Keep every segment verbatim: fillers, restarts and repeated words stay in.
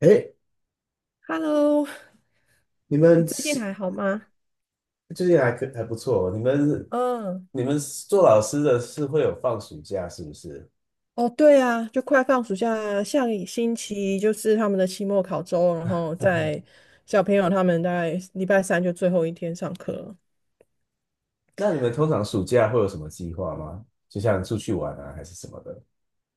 哎，Hello，你你们最近是还好吗？最近还可还不错哦，你们嗯，你们做老师的是会有放暑假是不是？哦，对啊，就快放暑假，下个星期就是他们的期末考周，然后在 小朋友他们大概礼拜三就最后一天上课了那你们通常暑假会有什么计划吗？就像出去玩啊，还是什么的？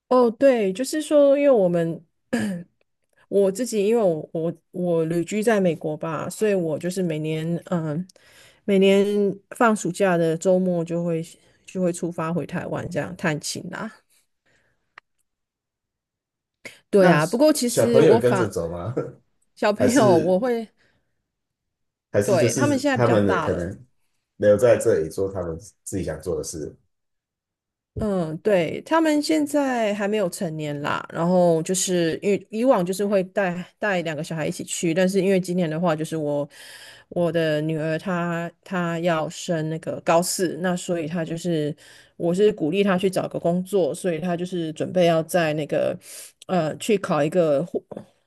哦，对，就是说，因为我们 我自己，因为我我我旅居在美国吧，所以我就是每年嗯，每年放暑假的周末就会就会出发回台湾这样探亲啦。对那啊，不过其小实朋友我也跟着反走吗？小 还朋友我是会。还是就对，他们是现在比他较们的大可了。能留在这里做他们自己想做的事？嗯，对，他们现在还没有成年啦，然后就是因为以往就是会带带两个小孩一起去，但是因为今年的话，就是我我的女儿她她要升那个高四，那所以她就是我是鼓励她去找个工作，所以她就是准备要在那个呃去考一个护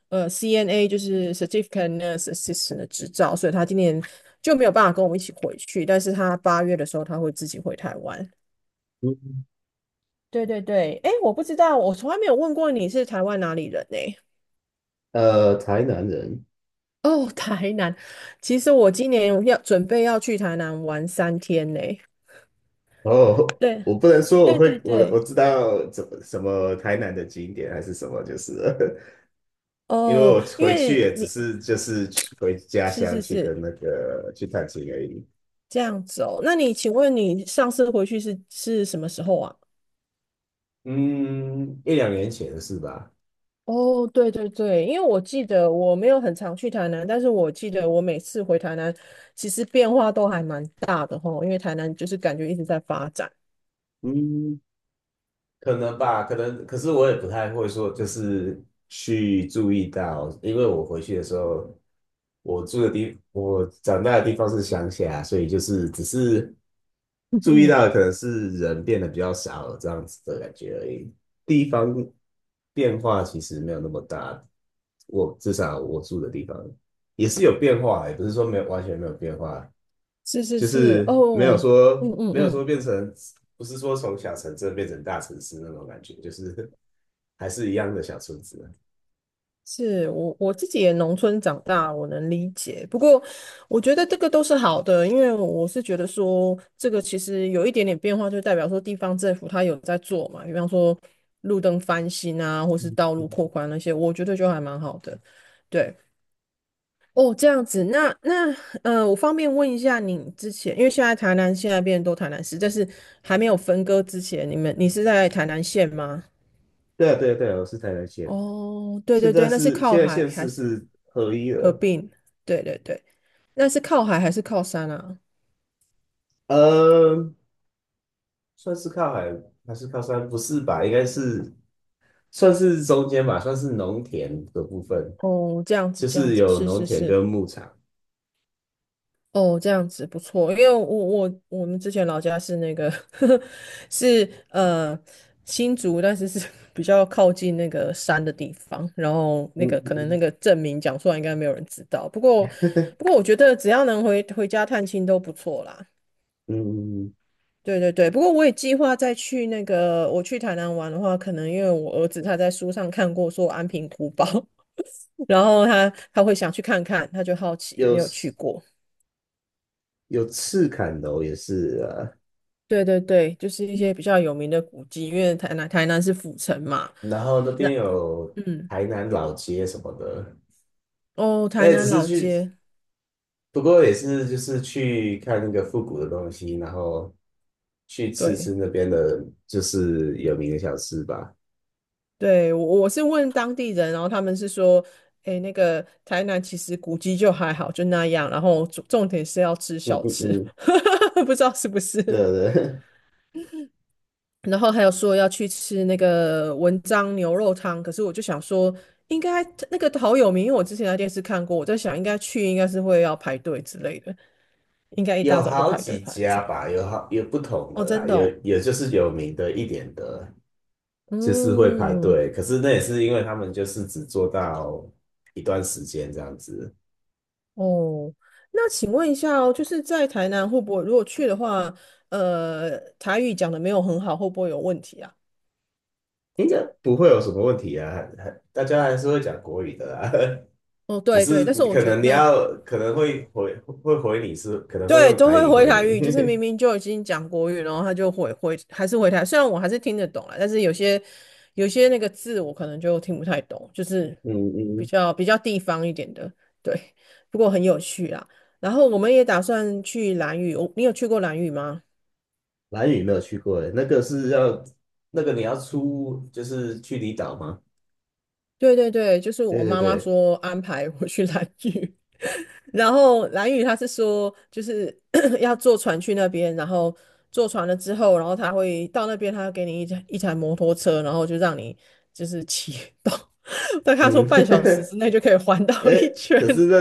呃 C N A 就是 Certificate Nurse Assistant 的执照，所以她今年就没有办法跟我们一起回去，但是她八月的时候她会自己回台湾。嗯，对对对，哎，我不知道，我从来没有问过你是台湾哪里人呢、呃，台南人。哦，台南。其实我今年要准备要去台南玩三天呢、哦，对我不能说我对对会，我我对，知道怎么什么台南的景点还是什么，就是了因为哦，我因回去为也只你是就是去回家是乡是去是跟那个去探亲而已。这样子哦。那你请问你上次回去是是什么时候啊？嗯，一两年前是吧。哦，对对对，因为我记得我没有很常去台南，但是我记得我每次回台南，其实变化都还蛮大的吼，因为台南就是感觉一直在发展。嗯，可能吧，可能，可是我也不太会说，就是去注意到，因为我回去的时候，我住的地，我长大的地方是乡下，所以就是只是 注意嗯到的可能是人变得比较少了这样子的感觉而已，地方变化其实没有那么大，我至少我住的地方也是有变化，也不是说没有完全没有变化，是是就是，是没有哦，嗯说嗯没有说嗯，变成，不是说从小城镇变成大城市那种感觉，就是还是一样的小村子。是我我自己也农村长大，我能理解。不过我觉得这个都是好的，因为我是觉得说，这个其实有一点点变化，就代表说地方政府它有在做嘛，比方说路灯翻新啊，或是道路扩宽那些，我觉得就还蛮好的。对，哦，这样子，那那呃，我方便问一下你之前，因为现在台南现在变成都台南市，但是还没有分割之前，你们你是在台南县吗？对啊，对啊，对啊，我是台南县。哦，对现对在对，那是是靠现在海县还市是是合一合了。并？对对对，那是靠海还是靠山啊？嗯，算是靠海还是靠山？不是吧？应该是算是中间吧，算是农田的部分，哦，这样子就这样是子，有是农是田是，跟牧场。哦，这样子不错，因为我我我们之前老家是那个 是呃新竹，但是是 比较靠近那个山的地方，然后那嗯个可能那嗯个证明讲出来应该没有人知道，不过不过我觉得只要能回回家探亲都不错啦。嗯，对对对，不过我也计划再去那个，我去台南玩的话，可能因为我儿子他在书上看过说安平古堡，然后他他会想去看看，他就好奇，没有去有过。有赤坎楼也是啊。对对对，就是一些比较有名的古迹，因为台南台南是府城嘛。然后那边那有嗯，台南老街什么的。哦，那台也南只老是去，街，不过也是就是去看那个复古的东西，然后去吃对吃那边的，就是有名的小吃吧。对，我我是问当地人，然后他们是说，诶，那个台南其实古迹就还好，就那样，然后重重点是要吃嗯小嗯吃，嗯，不知道是不对是？对。然后还有说要去吃那个文章牛肉汤，可是我就想说，应该那个好有名，因为我之前在电视看过，我在想应该去应该是会要排队之类的，应该 一有大早就好排队几排很家长。吧，有好有不同哦，的真啦，的有哦，有就是有名的一点的，就是会排嗯，队，可是那也是因为他们就是只做到一段时间这样子。哦，那请问一下哦，就是在台南会不会如果去的话，呃，台语讲的没有很好，会不会有问题啊？应该不会有什么问题啊，还还大家还是会讲国语的啦。哦，只对对，是但是我可觉能你得要可能会回会回你是可能会对，用都台会语回回台语，就是你。明明就已经讲国语，然后他就回回还是回台，虽然我还是听得懂啦，但是有些有些那个字我可能就听不太懂，就是 嗯比嗯，较比较地方一点的，对，不过很有趣啦。然后我们也打算去兰屿，我你有去过兰屿吗？蓝屿没有去过耶，那个是要那个你要出就是去离岛吗？对对对，就是我对对妈妈对，说安排我去兰屿，然后蓝宇他是说，就是 要坐船去那边，然后坐船了之后，然后他会到那边，他会给你一台一台摩托车，然后就让你就是骑 到，但他说嗯。半小时之内就可以环岛 哎，一圈。可是那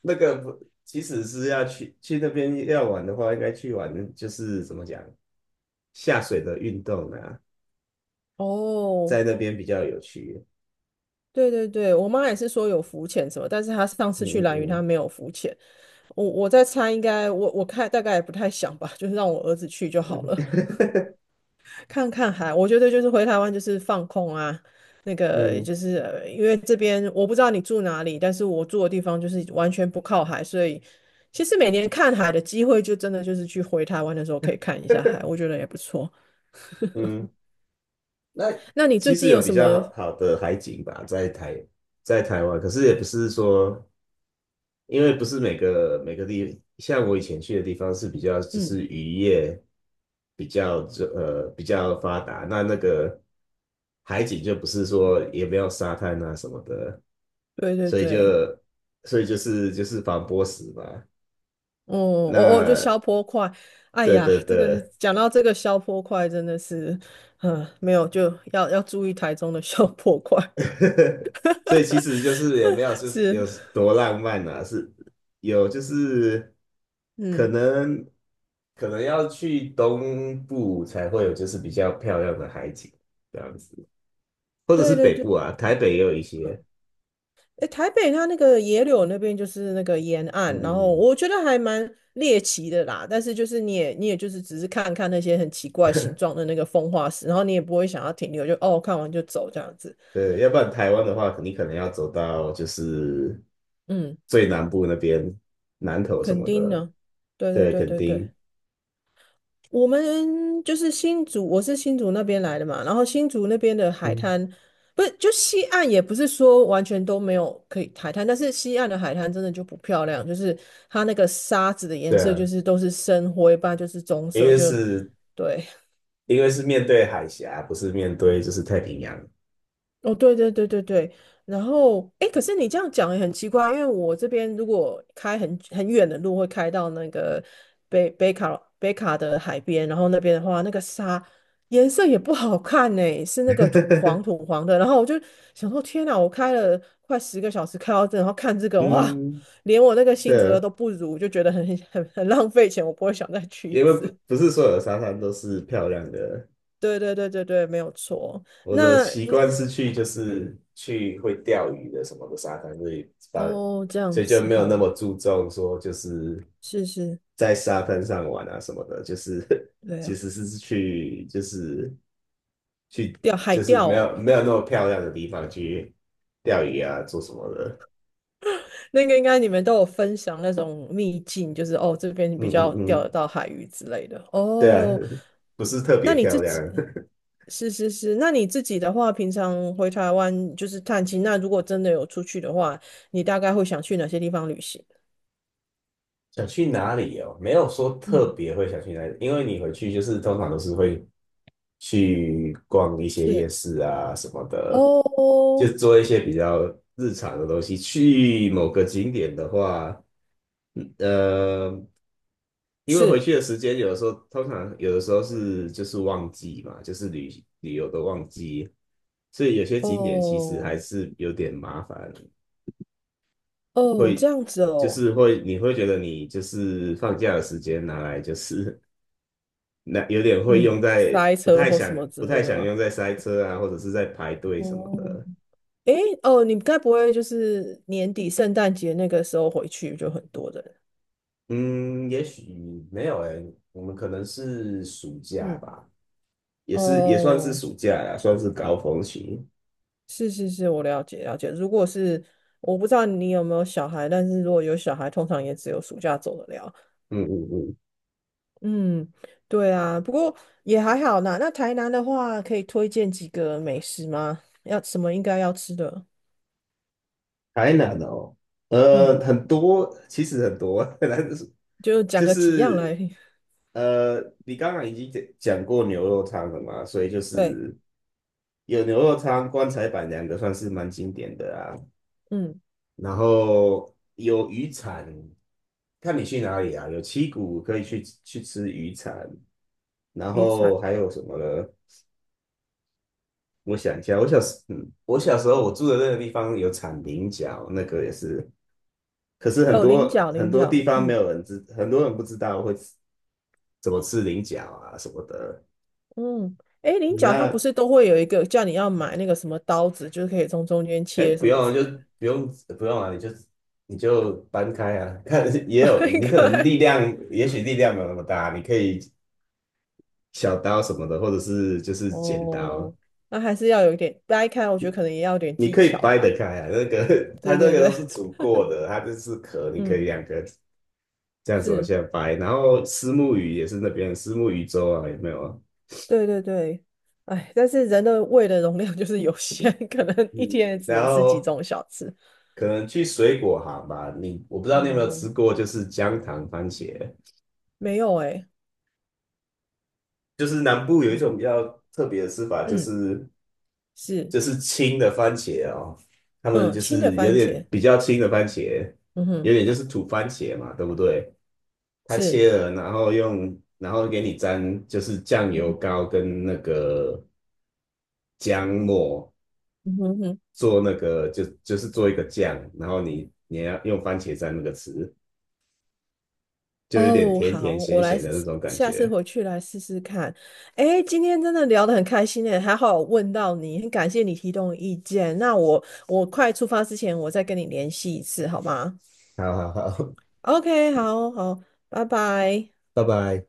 那个不，其实是要去去那边要玩的话，应该去玩就是怎么讲下水的运动啊，哦，在那边比较有趣。对对对，我妈也是说有浮潜什么，但是她上次去嗯蓝屿她嗯没有浮潜，我我在猜应该我我看大概也不太想吧，就是让我儿子去就好了。看看海，我觉得就是回台湾就是放空啊，那个嗯 嗯就是呃因为这边我不知道你住哪里，但是我住的地方就是完全不靠海，所以其实每年看海的机会就真的就是去回台湾的时候可以看一下海，我觉得也不错。嗯。那那你最其实近有有比什较么？好的海景吧，在台在台湾，可是也不是说，因为不是每个每个地，像我以前去的地方是比较就嗯，是渔业比较就呃比较发达，那那个海景就不是说也没有沙滩啊什么的，对对所以就对，所以就是就是防波石嘛。哦哦哦，就消那坡块，哎对呀，对这个对。讲到这个消坡块真的是，嗯，没有就要要注意台中的消坡块，所以其实就是也没有 是是，有多浪漫啊，是有就是可嗯，能可能要去东部才会有就是比较漂亮的海景这样子，或者对是对北对。对部啊，台北也有一些。嗯诶，台北它那个野柳那边就是那个沿嗯岸，然后嗯嗯，我觉得还蛮猎奇的啦。但是就是你也你也就是只是看看那些很奇怪形状的那个风化石，然后你也不会想要停留，就哦看完就走这样子。对，要不然台湾的话，肯定可能要走到就是嗯，最南部那边，南头什肯么定的。呢？对对对，对肯对对。定。我们就是新竹，我是新竹那边来的嘛，然后新竹那边的海嗯。滩，不是就西岸也不是说完全都没有可以海滩，但是西岸的海滩真的就不漂亮，就是它那个沙子的 颜对色啊，就是都是深灰吧，不然就是棕因色，为就是对。因为是面对海峡，不是面对就是太平洋。哦，对对对对对，然后哎，可是你这样讲也很奇怪，因为我这边如果开很很远的路，会开到那个北北卡北卡的海边，然后那边的话，那个沙颜色也不好看呢，是那个土黄 土黄的。然后我就想说，天哪，我开了快十个小时开到这，然后看这个，哇，嗯，连我那个新竹对的啊，都不如，就觉得很 很很浪费钱，我不会想再去一因为不次。不是所有的沙滩都是漂亮的。对对对对对，没有错。我的那那习惯是去就是去会钓鱼的什么的沙滩，所以把哦，这样所以就子没有那吼，么注重说就是是是。在沙滩上玩啊什么的，就是 对其啊，实是去就是去钓海就是钓没哦，有没有那么漂亮的地方去钓鱼啊做什么的。那个应该你们都有分享那种秘境，就是哦这边嗯比嗯较钓得嗯，到海鱼之类的对啊。哦。不是特那别你漂自亮。己 是是是，那你自己的话，平常回台湾就是探亲，那如果真的有出去的话，你大概会想去哪些地方旅行？想去哪里哦？没有说特嗯，别会想去哪里，因为你回去就是通常都是会去逛一些夜是市啊什么的，就哦，做一些比较日常的东西。去某个景点的话，嗯呃，因为回是去的时间有的时候，通常有的时候是就是旺季嘛，就是旅旅游的旺季，所以有些景点其实还哦是有点麻烦，哦这会样子就哦，是会你会觉得你就是放假的时间拿来就是那有点会嗯，用在塞不车太或什想么之不太类的想吗？用在塞车啊，或者是在排队什么哦，的。诶，哦，你该不会就是年底圣诞节那个时候回去就很多人？嗯，也许没有诶，我们可能是暑假嗯，吧。也是也算是哦，暑假呀，算是高峰期。是是是，我了解了解。如果是我不知道你有没有小孩，但是如果有小孩，通常也只有暑假走得了。嗯嗯嗯，嗯，对啊，不过也还好啦。那台南的话，可以推荐几个美食吗？要什么应该要吃的？台南哦，呃，嗯，很多，其实很多，但是就讲就个几样是来。呃，你刚刚已经讲讲过牛肉汤了嘛，所以就对，是有牛肉汤、棺材板两个算是蛮经典的啊。嗯，然后有鱼产，看你去哪里啊，有七股可以去去吃鱼产。然鱼产后还有什么呢？我想一下，我小时，嗯，我小时候我住的那个地方有产菱角，那个也是，可是很哦，菱多角，很菱多地角，方没嗯。有人知，很多人不知道会吃怎么吃菱角啊什么的。嗯，哎，菱角它不那是都会有一个叫你要买那个什么刀子，就是可以从中间哎，切不什么之用类就不用不用了，你就你就搬开啊，看也的，有掰你可能开。力量，也许力量没有那么大，你可以。小刀什么的，或者是就是剪刀，哦，那还是要有一点掰开，我觉得可能也要有点你技可以巧掰啦。得开啊。那个它对这对个都是对，煮过的，它就是壳，你可以嗯，两个这样子往是，下掰。然后虱目鱼也是那边虱目鱼粥啊，有没有？对对对。哎，但是人的胃的容量就是有限，可能一嗯，天也只然能吃几后种小吃。可能去水果行吧，你我不知道你有没有哦，吃过，就是姜糖番茄，没有哎、就是南部有一嗯种比较特别的吃法，就嗯，是是，就是青的番茄哦，他们嗯，就青的是有番茄，点比较青的番茄，嗯哼，有点就是土番茄嘛，对不对？它是，切了，然后用，然后给你沾，就是酱油嗯膏跟那个姜末嗯哼嗯哼做那个，就就是做一个酱，然后你你要用番茄蘸那个吃，就有点哦，甜好，甜咸我来咸试的那试，种感下次觉。回去来试试看。哎，今天真的聊得很开心诶，还好我问到你，很感谢你提供意见。那我我快出发之前，我再跟你联系一次，好吗好好好。？OK，好好，拜拜。拜拜。